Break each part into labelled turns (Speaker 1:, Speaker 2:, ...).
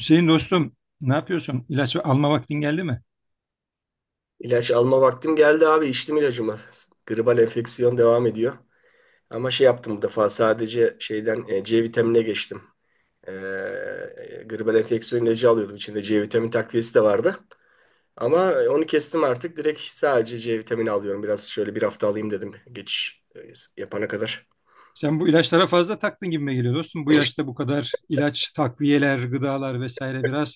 Speaker 1: Hüseyin dostum, ne yapıyorsun? İlaç alma vaktin geldi mi?
Speaker 2: İlaç alma vaktim geldi abi. İçtim ilacımı. Gribal enfeksiyon devam ediyor. Ama şey yaptım bu defa sadece şeyden C vitamine geçtim. Gribal enfeksiyon ilacı alıyordum. İçinde C vitamini takviyesi de vardı. Ama onu kestim artık. Direkt sadece C vitamini alıyorum. Biraz şöyle bir hafta alayım dedim geçiş yapana kadar.
Speaker 1: Sen bu ilaçlara fazla taktın gibime geliyor dostum. Bu yaşta bu kadar ilaç, takviyeler, gıdalar vesaire biraz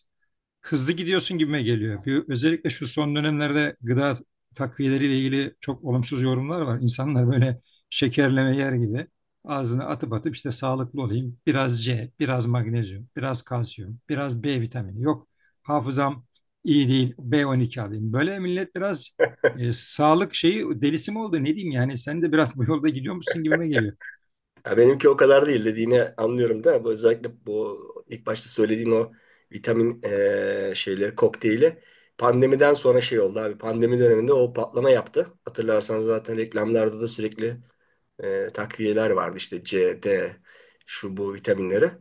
Speaker 1: hızlı gidiyorsun gibime geliyor. Özellikle şu son dönemlerde gıda takviyeleriyle ilgili çok olumsuz yorumlar var. İnsanlar böyle şekerleme yer gibi ağzına atıp atıp işte sağlıklı olayım. Biraz C, biraz magnezyum, biraz kalsiyum, biraz B vitamini. Yok hafızam iyi değil, B12 alayım. Böyle millet biraz sağlık şeyi delisi mi oldu ne diyeyim yani sen de biraz bu yolda gidiyormuşsun gibime geliyor.
Speaker 2: Ya benimki o kadar değil, dediğini anlıyorum da bu özellikle bu ilk başta söylediğin o vitamin şeyleri kokteyli pandemiden sonra şey oldu abi. Pandemi döneminde o patlama yaptı. Hatırlarsanız zaten reklamlarda da sürekli takviyeler vardı işte C, D şu bu vitaminleri.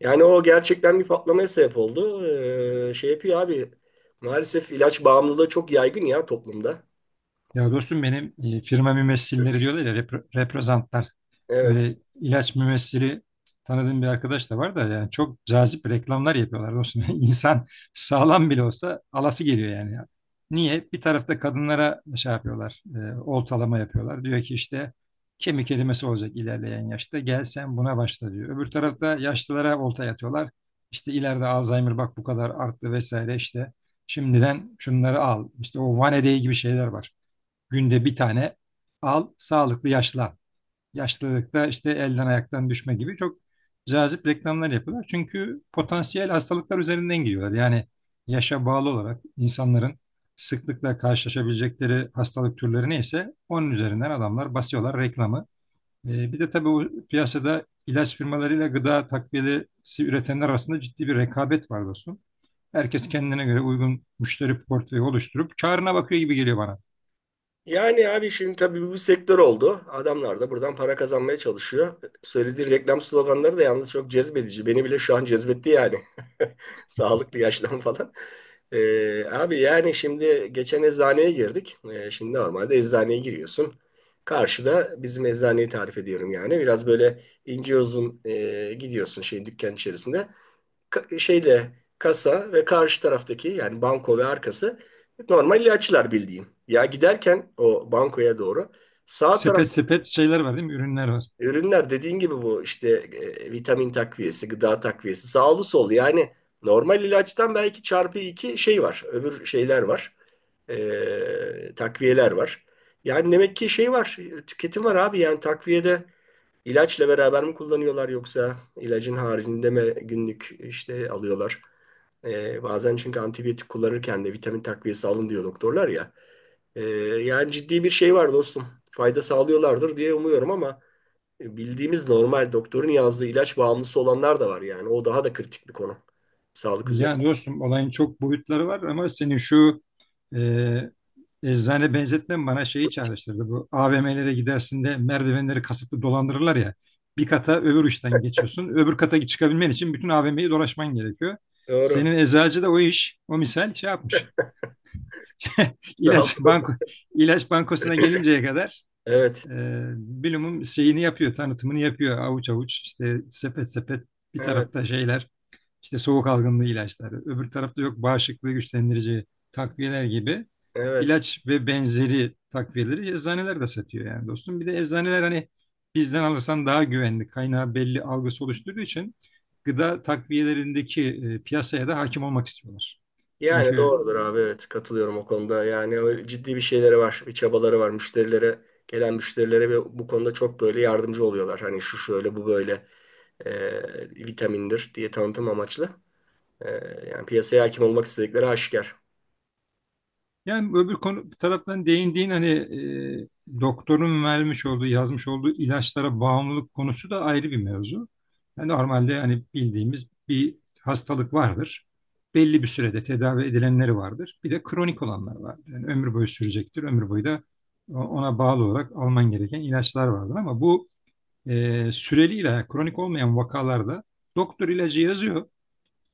Speaker 2: Yani o gerçekten bir patlamaya sebep oldu. Şey yapıyor abi, maalesef ilaç bağımlılığı çok yaygın ya toplumda.
Speaker 1: Ya dostum benim firma mümessilleri diyorlar ya reprezentler.
Speaker 2: Evet.
Speaker 1: Böyle ilaç mümessili tanıdığım bir arkadaş da var da yani çok cazip reklamlar yapıyorlar dostum. İnsan sağlam bile olsa alası geliyor yani. Niye? Bir tarafta kadınlara şey yapıyorlar, oltalama yapıyorlar. Diyor ki işte kemik erimesi olacak ilerleyen yaşta gel sen buna başla diyor. Öbür tarafta yaşlılara olta yatıyorlar. İşte ileride Alzheimer bak bu kadar arttı vesaire işte. Şimdiden şunları al. İşte o vanedeyi gibi şeyler var. Günde bir tane al, sağlıklı yaşlan. Yaşlılıkta işte elden ayaktan düşme gibi çok cazip reklamlar yapıyorlar. Çünkü potansiyel hastalıklar üzerinden giriyorlar. Yani yaşa bağlı olarak insanların sıklıkla karşılaşabilecekleri hastalık türleri neyse onun üzerinden adamlar basıyorlar reklamı. Bir de tabii bu piyasada ilaç firmalarıyla gıda takviyesi üretenler arasında ciddi bir rekabet var dostum. Herkes kendine göre uygun müşteri portföyü oluşturup karına bakıyor gibi geliyor bana.
Speaker 2: Yani abi şimdi tabii bu bir sektör oldu. Adamlar da buradan para kazanmaya çalışıyor. Söylediği reklam sloganları da yalnız çok cezbedici. Beni bile şu an cezbetti yani. Sağlıklı yaşlan falan. Abi yani şimdi geçen eczaneye girdik. Şimdi normalde eczaneye giriyorsun. Karşıda bizim eczaneyi tarif ediyorum yani. Biraz böyle ince uzun gidiyorsun şey dükkan içerisinde şeyle kasa ve karşı taraftaki yani banko ve arkası normal ilaçlar bildiğin. Ya giderken o bankoya doğru sağ taraf
Speaker 1: Sepet sepet şeyler var değil mi? Ürünler var.
Speaker 2: ürünler, dediğin gibi bu işte vitamin takviyesi, gıda takviyesi, sağlı sollu yani normal ilaçtan belki çarpı iki şey var. Öbür şeyler var. E, takviyeler var. Yani demek ki şey var, tüketim var abi, yani takviyede İlaçla beraber mi kullanıyorlar, yoksa ilacın haricinde mi günlük işte alıyorlar? Bazen çünkü antibiyotik kullanırken de vitamin takviyesi alın diyor doktorlar ya. Ee, Yani ciddi bir şey var dostum. Fayda sağlıyorlardır diye umuyorum ama bildiğimiz normal doktorun yazdığı ilaç bağımlısı olanlar da var yani. O daha da kritik bir konu. Sağlık üzere.
Speaker 1: Yani dostum olayın çok boyutları var ama senin şu e, eczane benzetmen bana şeyi çağrıştırdı. Bu AVM'lere gidersin de merdivenleri kasıtlı dolandırırlar ya. Bir kata öbür uçtan geçiyorsun. Öbür kata çıkabilmen için bütün AVM'yi dolaşman gerekiyor.
Speaker 2: Doğru.
Speaker 1: Senin eczacı da o iş, o misal şey yapmış.
Speaker 2: Sağ
Speaker 1: İlaç
Speaker 2: ol.
Speaker 1: banko, ilaç bankosuna gelinceye kadar
Speaker 2: Evet.
Speaker 1: e, bilumum şeyini yapıyor, tanıtımını yapıyor. Avuç avuç işte sepet sepet bir
Speaker 2: Evet.
Speaker 1: tarafta şeyler, işte soğuk algınlığı ilaçları, öbür tarafta yok bağışıklığı güçlendirici takviyeler gibi
Speaker 2: Evet.
Speaker 1: ilaç ve benzeri takviyeleri eczaneler de satıyor yani dostum. Bir de eczaneler hani bizden alırsan daha güvenli, kaynağı belli algısı oluşturduğu için gıda takviyelerindeki piyasaya da hakim olmak istiyorlar.
Speaker 2: Yani
Speaker 1: Çünkü.
Speaker 2: doğrudur abi, evet, katılıyorum o konuda. Yani öyle ciddi bir şeyleri var, bir çabaları var. Müşterilere, gelen müşterilere ve bu konuda çok böyle yardımcı oluyorlar. Hani şu şöyle bu böyle vitamindir diye tanıtım amaçlı. E, yani piyasaya hakim olmak istedikleri aşikar.
Speaker 1: Yani öbür konu bir taraftan değindiğin hani doktorun vermiş olduğu, yazmış olduğu ilaçlara bağımlılık konusu da ayrı bir mevzu. Yani normalde hani bildiğimiz bir hastalık vardır. Belli bir sürede tedavi edilenleri vardır. Bir de kronik olanlar vardır. Yani ömür boyu sürecektir. Ömür boyu da ona bağlı olarak alman gereken ilaçlar vardır. Ama bu süreli ilaç, kronik olmayan vakalarda doktor ilacı yazıyor.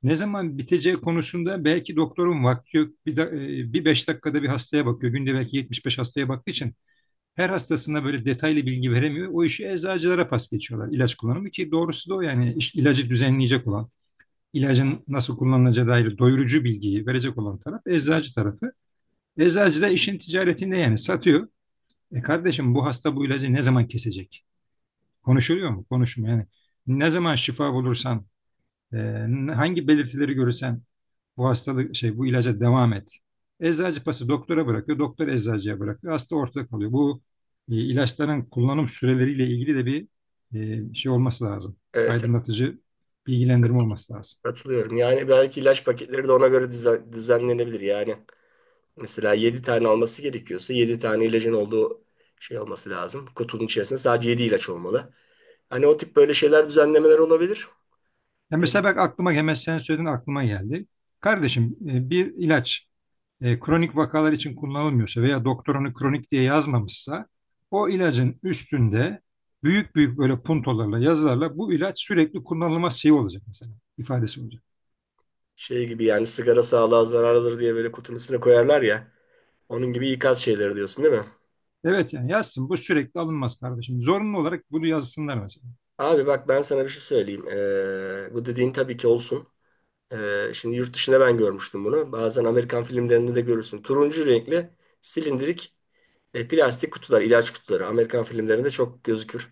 Speaker 1: Ne zaman biteceği konusunda belki doktorun vakti yok. Bir 5 dakikada bir hastaya bakıyor. Günde belki 75 hastaya baktığı için her hastasına böyle detaylı bilgi veremiyor. O işi eczacılara pas geçiyorlar ilaç kullanımı ki doğrusu da o yani ilacı düzenleyecek olan, ilacın nasıl kullanılacağı dair doyurucu bilgiyi verecek olan taraf eczacı tarafı. Eczacı da işin ticaretinde yani satıyor. E kardeşim bu hasta bu ilacı ne zaman kesecek? Konuşuluyor mu? Konuşmuyor yani. Ne zaman şifa bulursan ee, hangi belirtileri görürsen bu hastalık şey bu ilaca devam et. Eczacı pası doktora bırakıyor, doktor eczacıya bırakıyor. Hasta ortada kalıyor. Bu ilaçların kullanım süreleriyle ilgili de bir şey olması lazım.
Speaker 2: Evet, evet,
Speaker 1: Aydınlatıcı bilgilendirme olması lazım.
Speaker 2: katılıyorum. Yani belki ilaç paketleri de ona göre düzenlenebilir. Yani mesela 7 tane alması gerekiyorsa 7 tane ilacın olduğu şey olması lazım. Kutunun içerisinde sadece 7 ilaç olmalı. Hani o tip böyle şeyler düzenlemeler olabilir.
Speaker 1: Ya mesela bak aklıma hemen sen söyledin aklıma geldi. Kardeşim bir ilaç kronik vakalar için kullanılmıyorsa veya doktor onu kronik diye yazmamışsa o ilacın üstünde büyük büyük böyle puntolarla yazılarla bu ilaç sürekli kullanılmaz şey olacak mesela ifadesi olacak.
Speaker 2: Şey gibi yani, sigara sağlığa zararlıdır diye böyle kutunun üstüne koyarlar ya. Onun gibi ikaz şeyleri diyorsun değil mi?
Speaker 1: Evet yani yazsın bu sürekli alınmaz kardeşim. Zorunlu olarak bunu yazsınlar mesela.
Speaker 2: Abi bak ben sana bir şey söyleyeyim. Bu dediğin tabii ki olsun. Şimdi yurt dışında ben görmüştüm bunu. Bazen Amerikan filmlerinde de görürsün. Turuncu renkli silindirik plastik kutular, ilaç kutuları. Amerikan filmlerinde çok gözükür.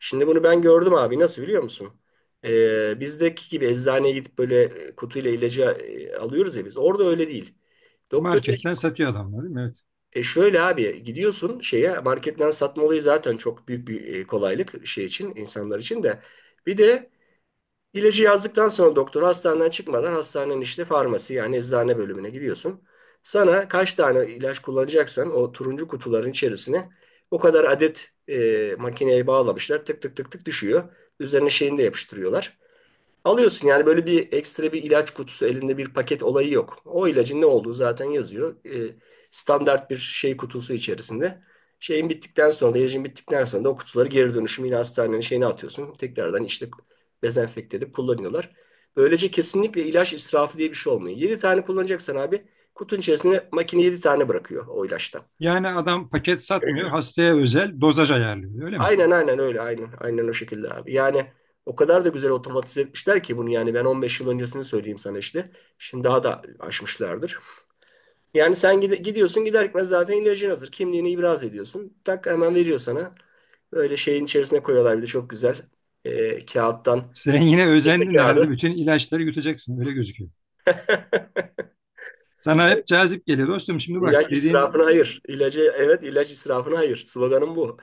Speaker 2: Şimdi bunu ben gördüm abi. Nasıl biliyor musun? Bizdeki gibi eczaneye gidip böyle kutuyla ilacı alıyoruz ya biz. Orada öyle değil. Doktor.
Speaker 1: Marketten satıyor adamlar değil mi? Evet.
Speaker 2: E şöyle abi, gidiyorsun şeye, marketten satma olayı zaten çok büyük bir kolaylık şey için, insanlar için de. Bir de ilacı yazdıktan sonra doktor hastaneden çıkmadan hastanenin işte farmasi yani eczane bölümüne gidiyorsun. Sana kaç tane ilaç kullanacaksan o turuncu kutuların içerisine o kadar adet makineye bağlamışlar, tık tık tık tık düşüyor. Üzerine şeyini de yapıştırıyorlar. Alıyorsun yani, böyle bir ekstra bir ilaç kutusu elinde bir paket olayı yok. O ilacın ne olduğu zaten yazıyor. Standart bir şey kutusu içerisinde. Şeyin bittikten sonra, ilacın bittikten sonra da o kutuları geri dönüşüm yine hastanenin şeyine atıyorsun. Tekrardan işte dezenfekte edip kullanıyorlar. Böylece kesinlikle ilaç israfı diye bir şey olmuyor. 7 tane kullanacaksan abi, kutunun içerisine makine 7 tane bırakıyor o ilaçtan.
Speaker 1: Yani adam paket satmıyor hastaya özel dozaj ayarlıyor öyle mi?
Speaker 2: Aynen, aynen öyle, aynen. Aynen o şekilde abi. Yani o kadar da güzel otomatize etmişler ki bunu, yani ben 15 yıl öncesini söyleyeyim sana işte. Şimdi daha da aşmışlardır. Yani sen gidiyorsun, gider gitmez zaten ilacın hazır. Kimliğini ibraz ediyorsun. Tak, hemen veriyor sana. Böyle şeyin içerisine koyuyorlar bir de, çok güzel. Kağıttan.
Speaker 1: Sen yine
Speaker 2: Kese
Speaker 1: özendin herhalde
Speaker 2: kağıdı.
Speaker 1: bütün ilaçları yutacaksın öyle gözüküyor. Sana
Speaker 2: Yani
Speaker 1: hep cazip geliyor dostum şimdi bak
Speaker 2: İlaç
Speaker 1: dediğin
Speaker 2: israfına hayır. İlacı, evet ilaç israfına hayır. Sloganım bu.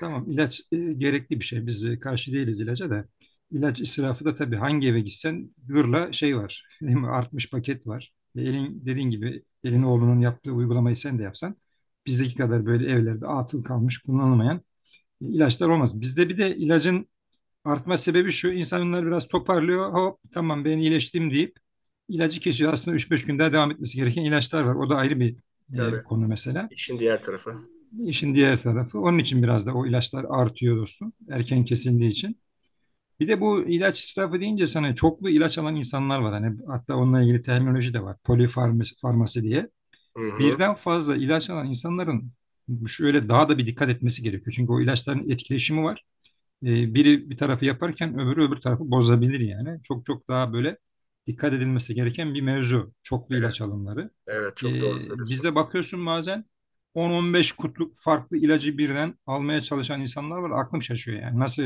Speaker 1: tamam ilaç gerekli bir şey biz karşı değiliz ilaca da. İlaç israfı da tabii hangi eve gitsen gırla şey var değil mi artmış paket var. Elin dediğin gibi elin oğlunun yaptığı uygulamayı sen de yapsan bizdeki kadar böyle evlerde atıl kalmış kullanılmayan İlaçlar olmaz. Bizde bir de ilacın artma sebebi şu. İnsanlar biraz toparlıyor. Hop tamam ben iyileştim deyip ilacı kesiyor. Aslında üç beş gün daha devam etmesi gereken ilaçlar var. O da ayrı bir
Speaker 2: Tabii.
Speaker 1: konu mesela.
Speaker 2: İşin diğer tarafı.
Speaker 1: İşin diğer tarafı. Onun için biraz da o ilaçlar artıyor dostum. Erken kesildiği için. Bir de bu ilaç israfı deyince sana çoklu ilaç alan insanlar var. Hani hatta onunla ilgili terminoloji de var. Polifarmasi diye.
Speaker 2: Hı hı.
Speaker 1: Birden fazla ilaç alan insanların şöyle daha da bir dikkat etmesi gerekiyor. Çünkü o ilaçların etkileşimi var biri bir tarafı yaparken öbürü öbür tarafı bozabilir yani. Çok çok daha böyle dikkat edilmesi gereken bir mevzu. Çoklu
Speaker 2: Evet,
Speaker 1: ilaç alımları.
Speaker 2: evet
Speaker 1: E,
Speaker 2: çok doğru söylüyorsun.
Speaker 1: bizde bakıyorsun bazen 10-15 kutluk farklı ilacı birden almaya çalışan insanlar var. Aklım şaşıyor yani. Nasıl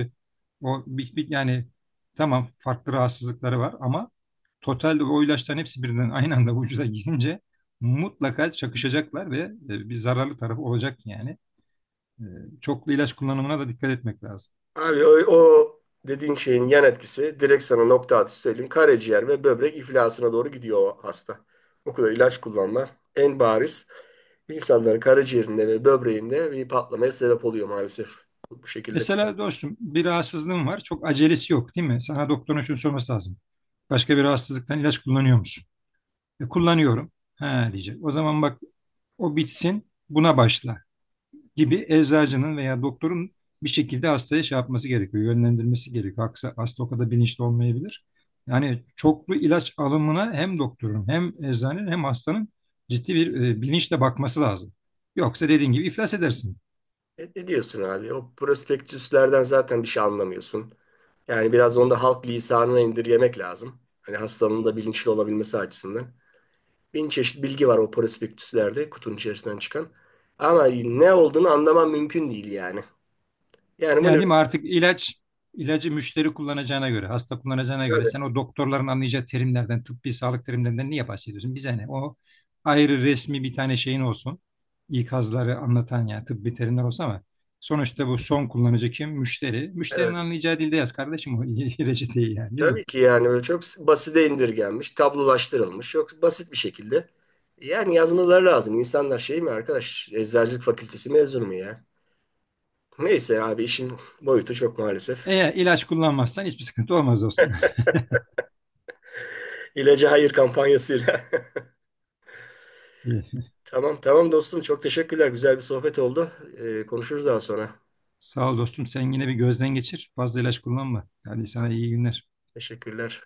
Speaker 1: o yani tamam farklı rahatsızlıkları var ama totalde o ilaçların hepsi birden aynı anda vücuda girince mutlaka çakışacaklar ve bir zararlı tarafı olacak yani. E, çoklu ilaç kullanımına da dikkat etmek lazım.
Speaker 2: Abi o dediğin şeyin yan etkisi direkt sana nokta atışı söyleyeyim. Karaciğer ve böbrek iflasına doğru gidiyor o hasta. O kadar ilaç kullanma en bariz insanların karaciğerinde ve böbreğinde bir patlamaya sebep oluyor maalesef. Bu şekilde.
Speaker 1: Mesela dostum bir rahatsızlığın var. Çok acelesi yok değil mi? Sana doktorun şunu sorması lazım. Başka bir rahatsızlıktan ilaç kullanıyor musun? Kullanıyorum. Ha diyecek. O zaman bak o bitsin buna başla gibi eczacının veya doktorun bir şekilde hastaya şey yapması gerekiyor. Yönlendirmesi gerekiyor. Hasta o kadar bilinçli olmayabilir. Yani çoklu ilaç alımına hem doktorun hem eczanenin hem hastanın ciddi bir bilinçle bakması lazım. Yoksa dediğin gibi iflas edersin.
Speaker 2: Ne diyorsun abi? O prospektüslerden zaten bir şey anlamıyorsun. Yani biraz onu da halk lisanına indirgemek lazım. Hani hastanın da bilinçli olabilmesi açısından. Bin çeşit bilgi var o prospektüslerde, kutunun içerisinden çıkan. Ama ne olduğunu anlamam mümkün değil yani. Yani bunu
Speaker 1: Yani değil
Speaker 2: biraz
Speaker 1: mi artık ilacı müşteri kullanacağına göre, hasta kullanacağına göre
Speaker 2: tabii,
Speaker 1: sen o doktorların anlayacağı terimlerden, tıbbi sağlık terimlerinden niye bahsediyorsun? Bize ne? O ayrı resmi bir tane şeyin olsun. İkazları anlatan yani tıbbi terimler olsa ama sonuçta bu son kullanıcı kim? Müşteri. Müşterinin
Speaker 2: evet.
Speaker 1: anlayacağı dilde yaz kardeşim o reçeteyi yani değil mi?
Speaker 2: Tabii ki yani, böyle çok basite indirgenmiş, tablolaştırılmış, çok basit bir şekilde. Yani yazmaları lazım. İnsanlar şey mi arkadaş, eczacılık fakültesi mezunu mu ya? Neyse abi, işin boyutu çok maalesef.
Speaker 1: Eğer ilaç kullanmazsan hiçbir sıkıntı olmaz dostum.
Speaker 2: İlaca hayır kampanyasıyla.
Speaker 1: İyi.
Speaker 2: Tamam, tamam dostum, çok teşekkürler. Güzel bir sohbet oldu. Konuşuruz daha sonra.
Speaker 1: Sağ ol dostum. Sen yine bir gözden geçir. Fazla ilaç kullanma. Hadi sana iyi günler.
Speaker 2: Teşekkürler.